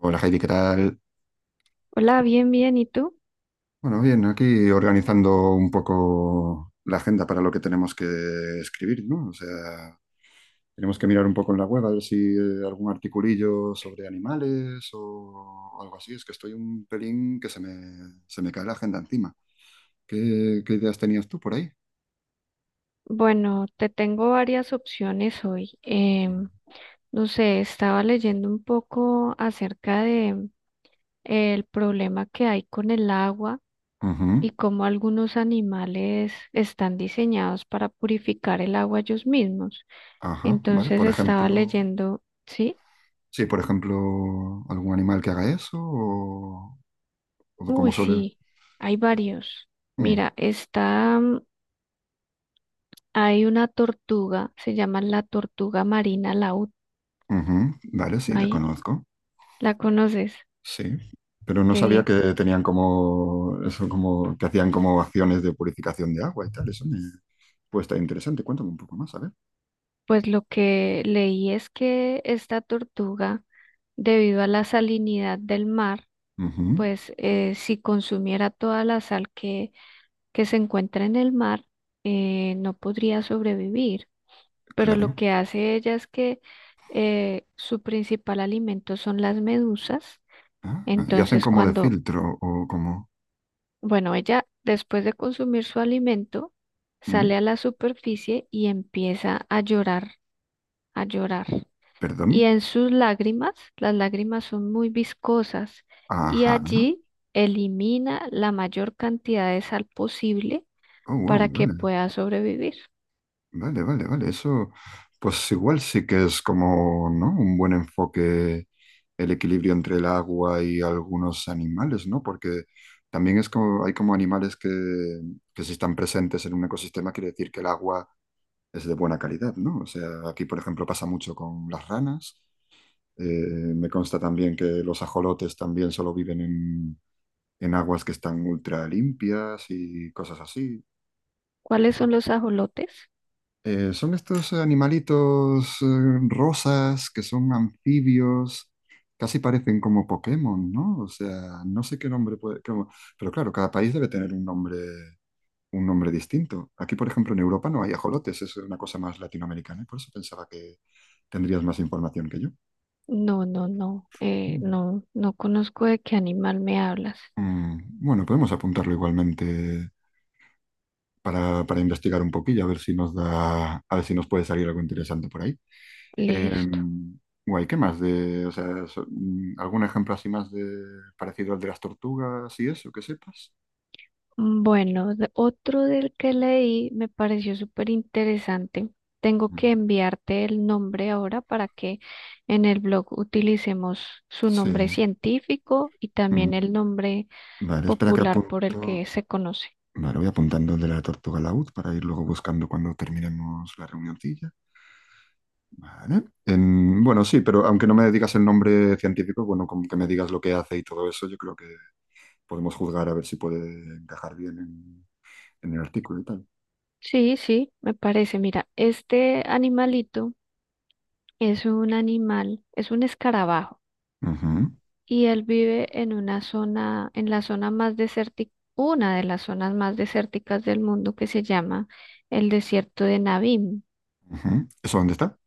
Hola Heidi, ¿qué tal? Hola, bien, bien. ¿Y tú? Bueno, bien, aquí organizando un poco la agenda para lo que tenemos que escribir, ¿no? O sea, tenemos que mirar un poco en la web a ver si algún articulillo sobre animales o algo así. Es que estoy un pelín que se me cae la agenda encima. ¿Qué, qué ideas tenías tú por ahí? Bueno, te tengo varias opciones hoy. No sé, estaba leyendo un poco acerca de el problema que hay con el agua Ujú. y cómo algunos animales están diseñados para purificar el agua ellos mismos. Ajá, vale. Entonces Por estaba ejemplo, leyendo, ¿sí? sí, por ejemplo, algún animal que haga eso o como Uy, suele. sí, hay varios. Mm, Mira, está, hay una tortuga, se llama la tortuga marina laúd. ujú. Vale, sí, la ¿Ahí? conozco. ¿La conoces? Sí, pero no Qué sabía bien. que tenían como eso, como que hacían como acciones de purificación de agua y tal. Eso me puede estar interesante. Cuéntame un poco más, a ver. Pues lo que leí es que esta tortuga, debido a la salinidad del mar, Ujú, pues si consumiera toda la sal que se encuentra en el mar, no podría sobrevivir. Pero lo claro. que hace ella es que su principal alimento son las medusas. Ah, ¿y hacen Entonces, como de cuando, filtro o como? bueno, ella después de consumir su alimento, Mm. sale a la superficie y empieza a llorar, a llorar. ¿Perdón? Y en sus lágrimas, las lágrimas son muy viscosas y Ajá. allí elimina la mayor cantidad de sal posible Oh, wow, para que vale. pueda sobrevivir. Vale, vale, vale. Eso, pues igual sí que es como, ¿no?, un buen enfoque, el equilibrio entre el agua y algunos animales, ¿no? Porque también es como, hay como animales que si están presentes en un ecosistema quiere decir que el agua es de buena calidad, ¿no? O sea, aquí, por ejemplo, pasa mucho con las ranas. Eh, Me consta también que los ajolotes también solo viven en aguas que están ultra limpias y cosas así. ¿Cuáles son los ajolotes? Son estos animalitos rosas que son anfibios, casi parecen como Pokémon, ¿no? O sea, no sé qué nombre puede... cómo- Pero claro, cada país debe tener un nombre distinto. Aquí, por ejemplo, en Europa no hay ajolotes, es una cosa más latinoamericana, y por eso pensaba que tendrías más información que yo. No, no, no, Mm. no, no conozco de qué animal me hablas. Mm, bueno, podemos apuntarlo igualmente para investigar un poquillo, a ver si nos da, a ver si nos puede salir algo interesante por ahí. Listo. Em, Guay, ¿qué más de, o sea, algún ejemplo así más de parecido al de las tortugas y eso, que sepas? Bueno, otro del que leí me pareció súper interesante. Tengo Mm. que enviarte el nombre ahora para que en el blog utilicemos su Sí. nombre científico y Mm. también el nombre Vale, espera que popular por el que apunto. se conoce. Vale, voy apuntando el de la tortuga laúd para ir luego buscando cuando terminemos la reunioncilla. Vale. En- bueno, sí, pero aunque no me digas el nombre científico, bueno, como que me digas lo que hace y todo eso, yo creo que podemos juzgar a ver si puede encajar bien en el artículo y tal. Sí, sí, me parece. Mira, este animalito es un animal, es un escarabajo. Ujú, Y él vive en una zona, en la zona más desértica, una de las zonas más desérticas del mundo que se llama el desierto de Navín. ujú. ¿Eso dónde está?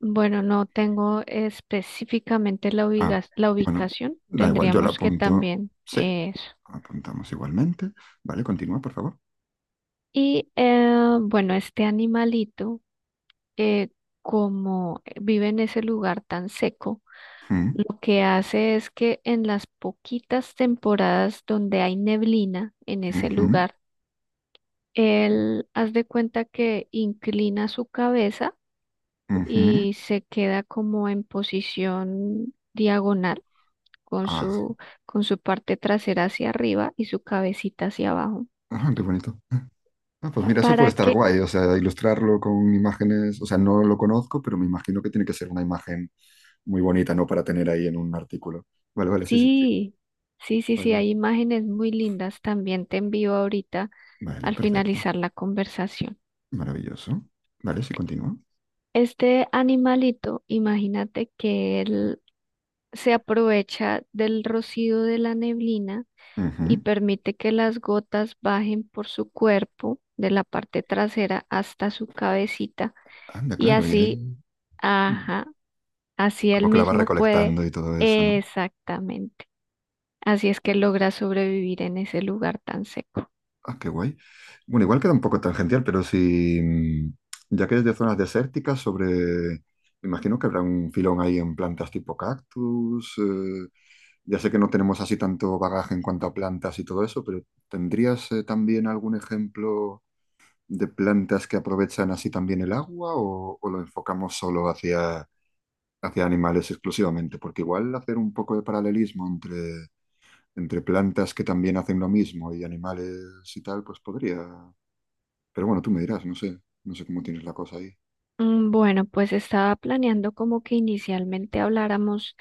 Bueno, no tengo específicamente la Ah, la bueno, ubicación, da igual, yo la tendríamos que apunto. también Sí, eso. apuntamos igualmente. Vale, continúa, por favor. Y bueno, este animalito, eh, como vive en ese lugar tan seco, Mm, lo que hace es que en las poquitas temporadas donde hay neblina en ese ujú, lugar, él, haz de cuenta que inclina su cabeza ujú. y se queda como en posición diagonal con Ah, con su parte trasera hacia arriba y su cabecita hacia abajo. ah, qué bonito. Ah, pues mira, eso Para puede estar que, guay, o sea, ilustrarlo con imágenes, o sea, no lo conozco, pero me imagino que tiene que ser una imagen muy bonita, ¿no? Para tener ahí en un artículo. Vale, vale, sí, sí, sí. sí, sí, sí, Guay, sí, guay. hay imágenes muy lindas. También te envío ahorita Vale, al perfecto. finalizar la conversación. Maravilloso. Vale, sí, continúa. Este animalito, imagínate que él se aprovecha del rocío de la neblina y Ujú. permite que las gotas bajen por su cuerpo de la parte trasera hasta su cabecita Anda, y claro, y así, ahí mm, ajá, así él como que la va mismo puede, recolectando y todo eso, ¿no? exactamente. Así es que logra sobrevivir en ese lugar tan seco. Ah, qué guay. Bueno, igual queda un poco tangencial, pero si, mm, ya que es de zonas desérticas, sobre, me imagino que habrá un filón ahí en plantas tipo cactus. Ya sé que no tenemos así tanto bagaje en cuanto a plantas y todo eso, pero ¿tendrías también algún ejemplo de plantas que aprovechan así también el agua o lo enfocamos solo hacia, hacia animales exclusivamente? Porque igual hacer un poco de paralelismo entre, entre plantas que también hacen lo mismo y animales y tal, pues podría. Pero bueno, tú me dirás, no sé, no sé cómo tienes la cosa ahí. Mm, bueno, pues estaba planeando como que inicialmente habláramos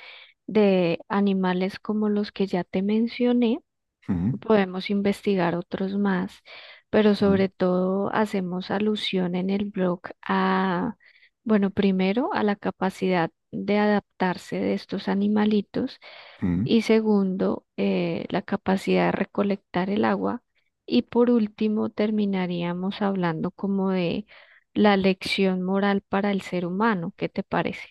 de animales como los que ya te mencioné. Ujú, Podemos investigar otros más, pero ujú, sobre todo hacemos alusión en el blog a, bueno, primero a la capacidad de adaptarse de estos animalitos ujú. y segundo, la capacidad de recolectar el agua y por último terminaríamos hablando como de la lección moral para el ser humano. ¿Qué te parece?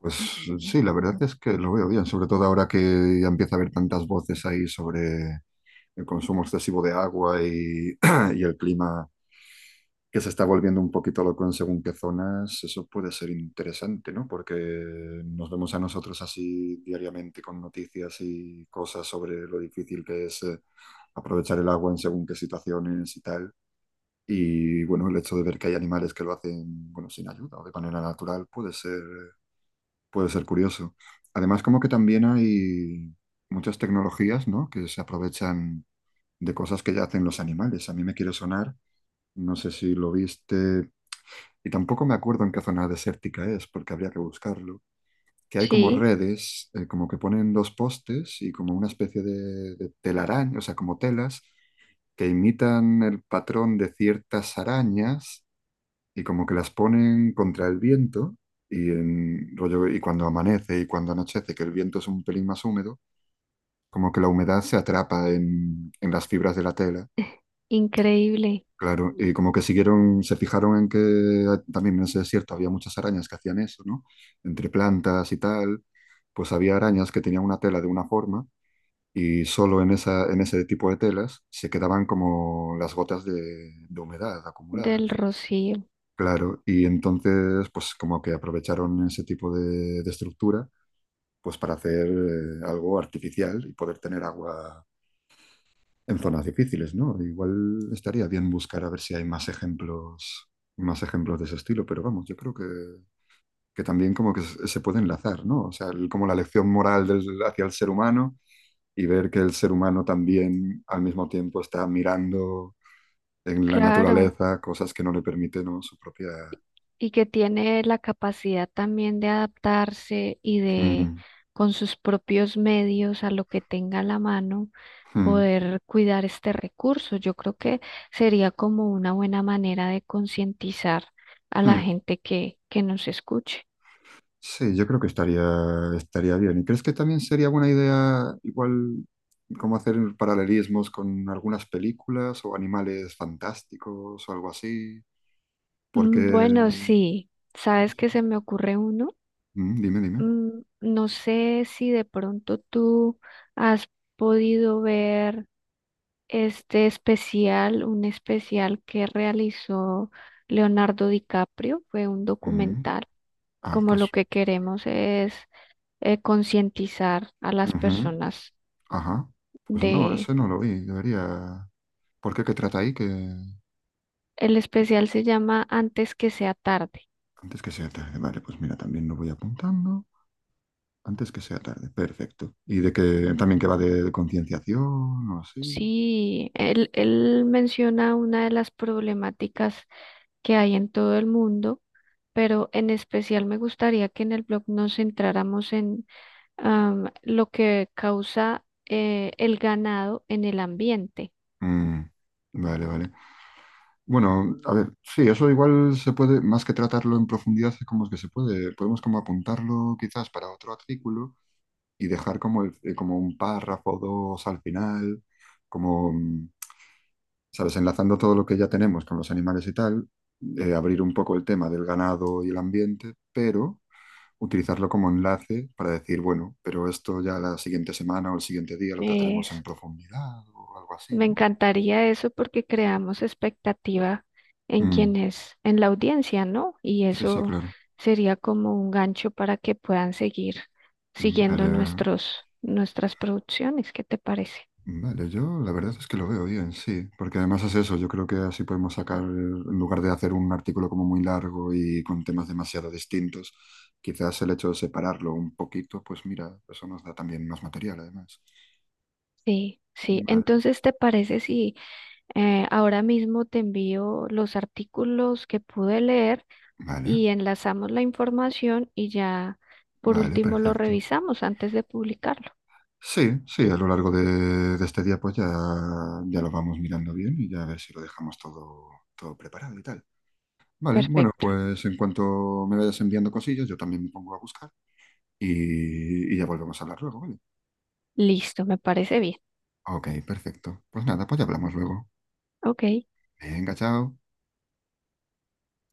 Pues sí, la verdad es que lo veo bien, sobre todo ahora que ya empieza a haber tantas voces ahí sobre el consumo excesivo de agua y el clima que se está volviendo un poquito loco en según qué zonas, eso puede ser interesante, ¿no? Porque nos vemos a nosotros así diariamente con noticias y cosas sobre lo difícil que es aprovechar el agua en según qué situaciones y tal. Y bueno, el hecho de ver que hay animales que lo hacen, bueno, sin ayuda o de manera natural puede ser curioso. Además, como que también hay muchas tecnologías, ¿no?, que se aprovechan de cosas que ya hacen los animales. A mí me quiere sonar, no sé si lo viste, y tampoco me acuerdo en qué zona desértica es, porque habría que buscarlo, que hay como Sí, redes, como que ponen dos postes y como una especie de telaraña, o sea, como telas que imitan el patrón de ciertas arañas y como que las ponen contra el viento y rollo, y cuando amanece y cuando anochece, que el viento es un pelín más húmedo, como que la humedad se atrapa en las fibras de la tela. increíble, Claro, y como que siguieron, se fijaron en que también en ese desierto había muchas arañas que hacían eso, ¿no? Entre plantas y tal, pues había arañas que tenían una tela de una forma y solo en esa, en ese tipo de telas se quedaban como las gotas de humedad acumuladas. del rocío. Claro, y entonces, pues como que aprovecharon ese tipo de estructura, pues para hacer algo artificial y poder tener agua en zonas difíciles, ¿no? Igual estaría bien buscar a ver si hay más ejemplos de ese estilo, pero vamos, yo creo que también como que se puede enlazar, ¿no? O sea, el- como la lección moral del- hacia el ser humano y ver que el ser humano también al mismo tiempo está mirando en la Claro. naturaleza cosas que no le permiten, ¿no?, su propia... Y que tiene la capacidad también de adaptarse Mm, con sus propios medios, a lo que tenga a la mano, mm, poder cuidar este recurso. Yo creo que sería como una buena manera de concientizar a la mm. gente que nos escuche. Sí, yo creo que estaría, estaría bien. ¿Y crees que también sería buena idea, igual, cómo hacer paralelismos con algunas películas o animales fantásticos o algo así? Porque, Mm, bueno, no sí, ¿sabes sé. qué se me ocurre uno? Mm, dime, dime. Mm, no sé si de pronto tú has podido ver este especial, un especial que realizó Leonardo DiCaprio, fue un Mm. documental, Ah, como lo pues, que queremos es concientizar a las ujú. personas Ajá. Pues no, de... ese no lo vi. Debería. ¿Por qué? ¿Qué trata ahí? Que El especial se llama Antes que sea tarde. antes que sea tarde. Vale, pues mira, también lo voy apuntando. Antes que sea tarde. Perfecto. ¿Y de que también que va de concienciación o así? Sí, él menciona una de las problemáticas que hay en todo el mundo, pero en especial me gustaría que en el blog nos centráramos en lo que causa el ganado en el ambiente. Mm, vale, vale. Bueno, a ver, sí, eso igual se puede, más que tratarlo en profundidad, es como que se puede, podemos como apuntarlo quizás para otro artículo y dejar como, el- como un párrafo o dos al final, como, mm, ¿sabes? Enlazando todo lo que ya tenemos con los animales y tal, abrir un poco el tema del ganado y el ambiente, pero utilizarlo como enlace para decir, bueno, pero esto ya la siguiente semana o el siguiente día lo trataremos en Es- profundidad o algo así, Me ¿no? encantaría eso porque creamos expectativa en Mm, en la audiencia, ¿no? Y sí, sí, eso claro. sería como un gancho para que puedan seguir siguiendo Vale, nuestras producciones. ¿Qué te parece? vale, yo la verdad es que lo veo bien, sí, porque además es eso, yo creo que así podemos sacar, en lugar de hacer un artículo como muy largo y con temas demasiado distintos, quizás el hecho de separarlo un poquito, pues mira, eso nos da también más material además. Sí, sí. Vale, Entonces, ¿te parece si ahora mismo te envío los artículos que pude leer? vale, Y enlazamos la información y ya por vale, último lo perfecto. revisamos antes de publicarlo. Sí, sí, a lo largo de este día pues ya, ya lo vamos mirando bien y ya a ver si lo dejamos todo, todo preparado y tal. Vale, bueno, Perfecto. pues en cuanto me vayas enviando cosillas, yo también me pongo a buscar. Y y ya volvemos a hablar luego, ¿vale? Listo, me parece bien. Ok, perfecto. Pues nada, pues ya hablamos luego. Ok. Venga, chao.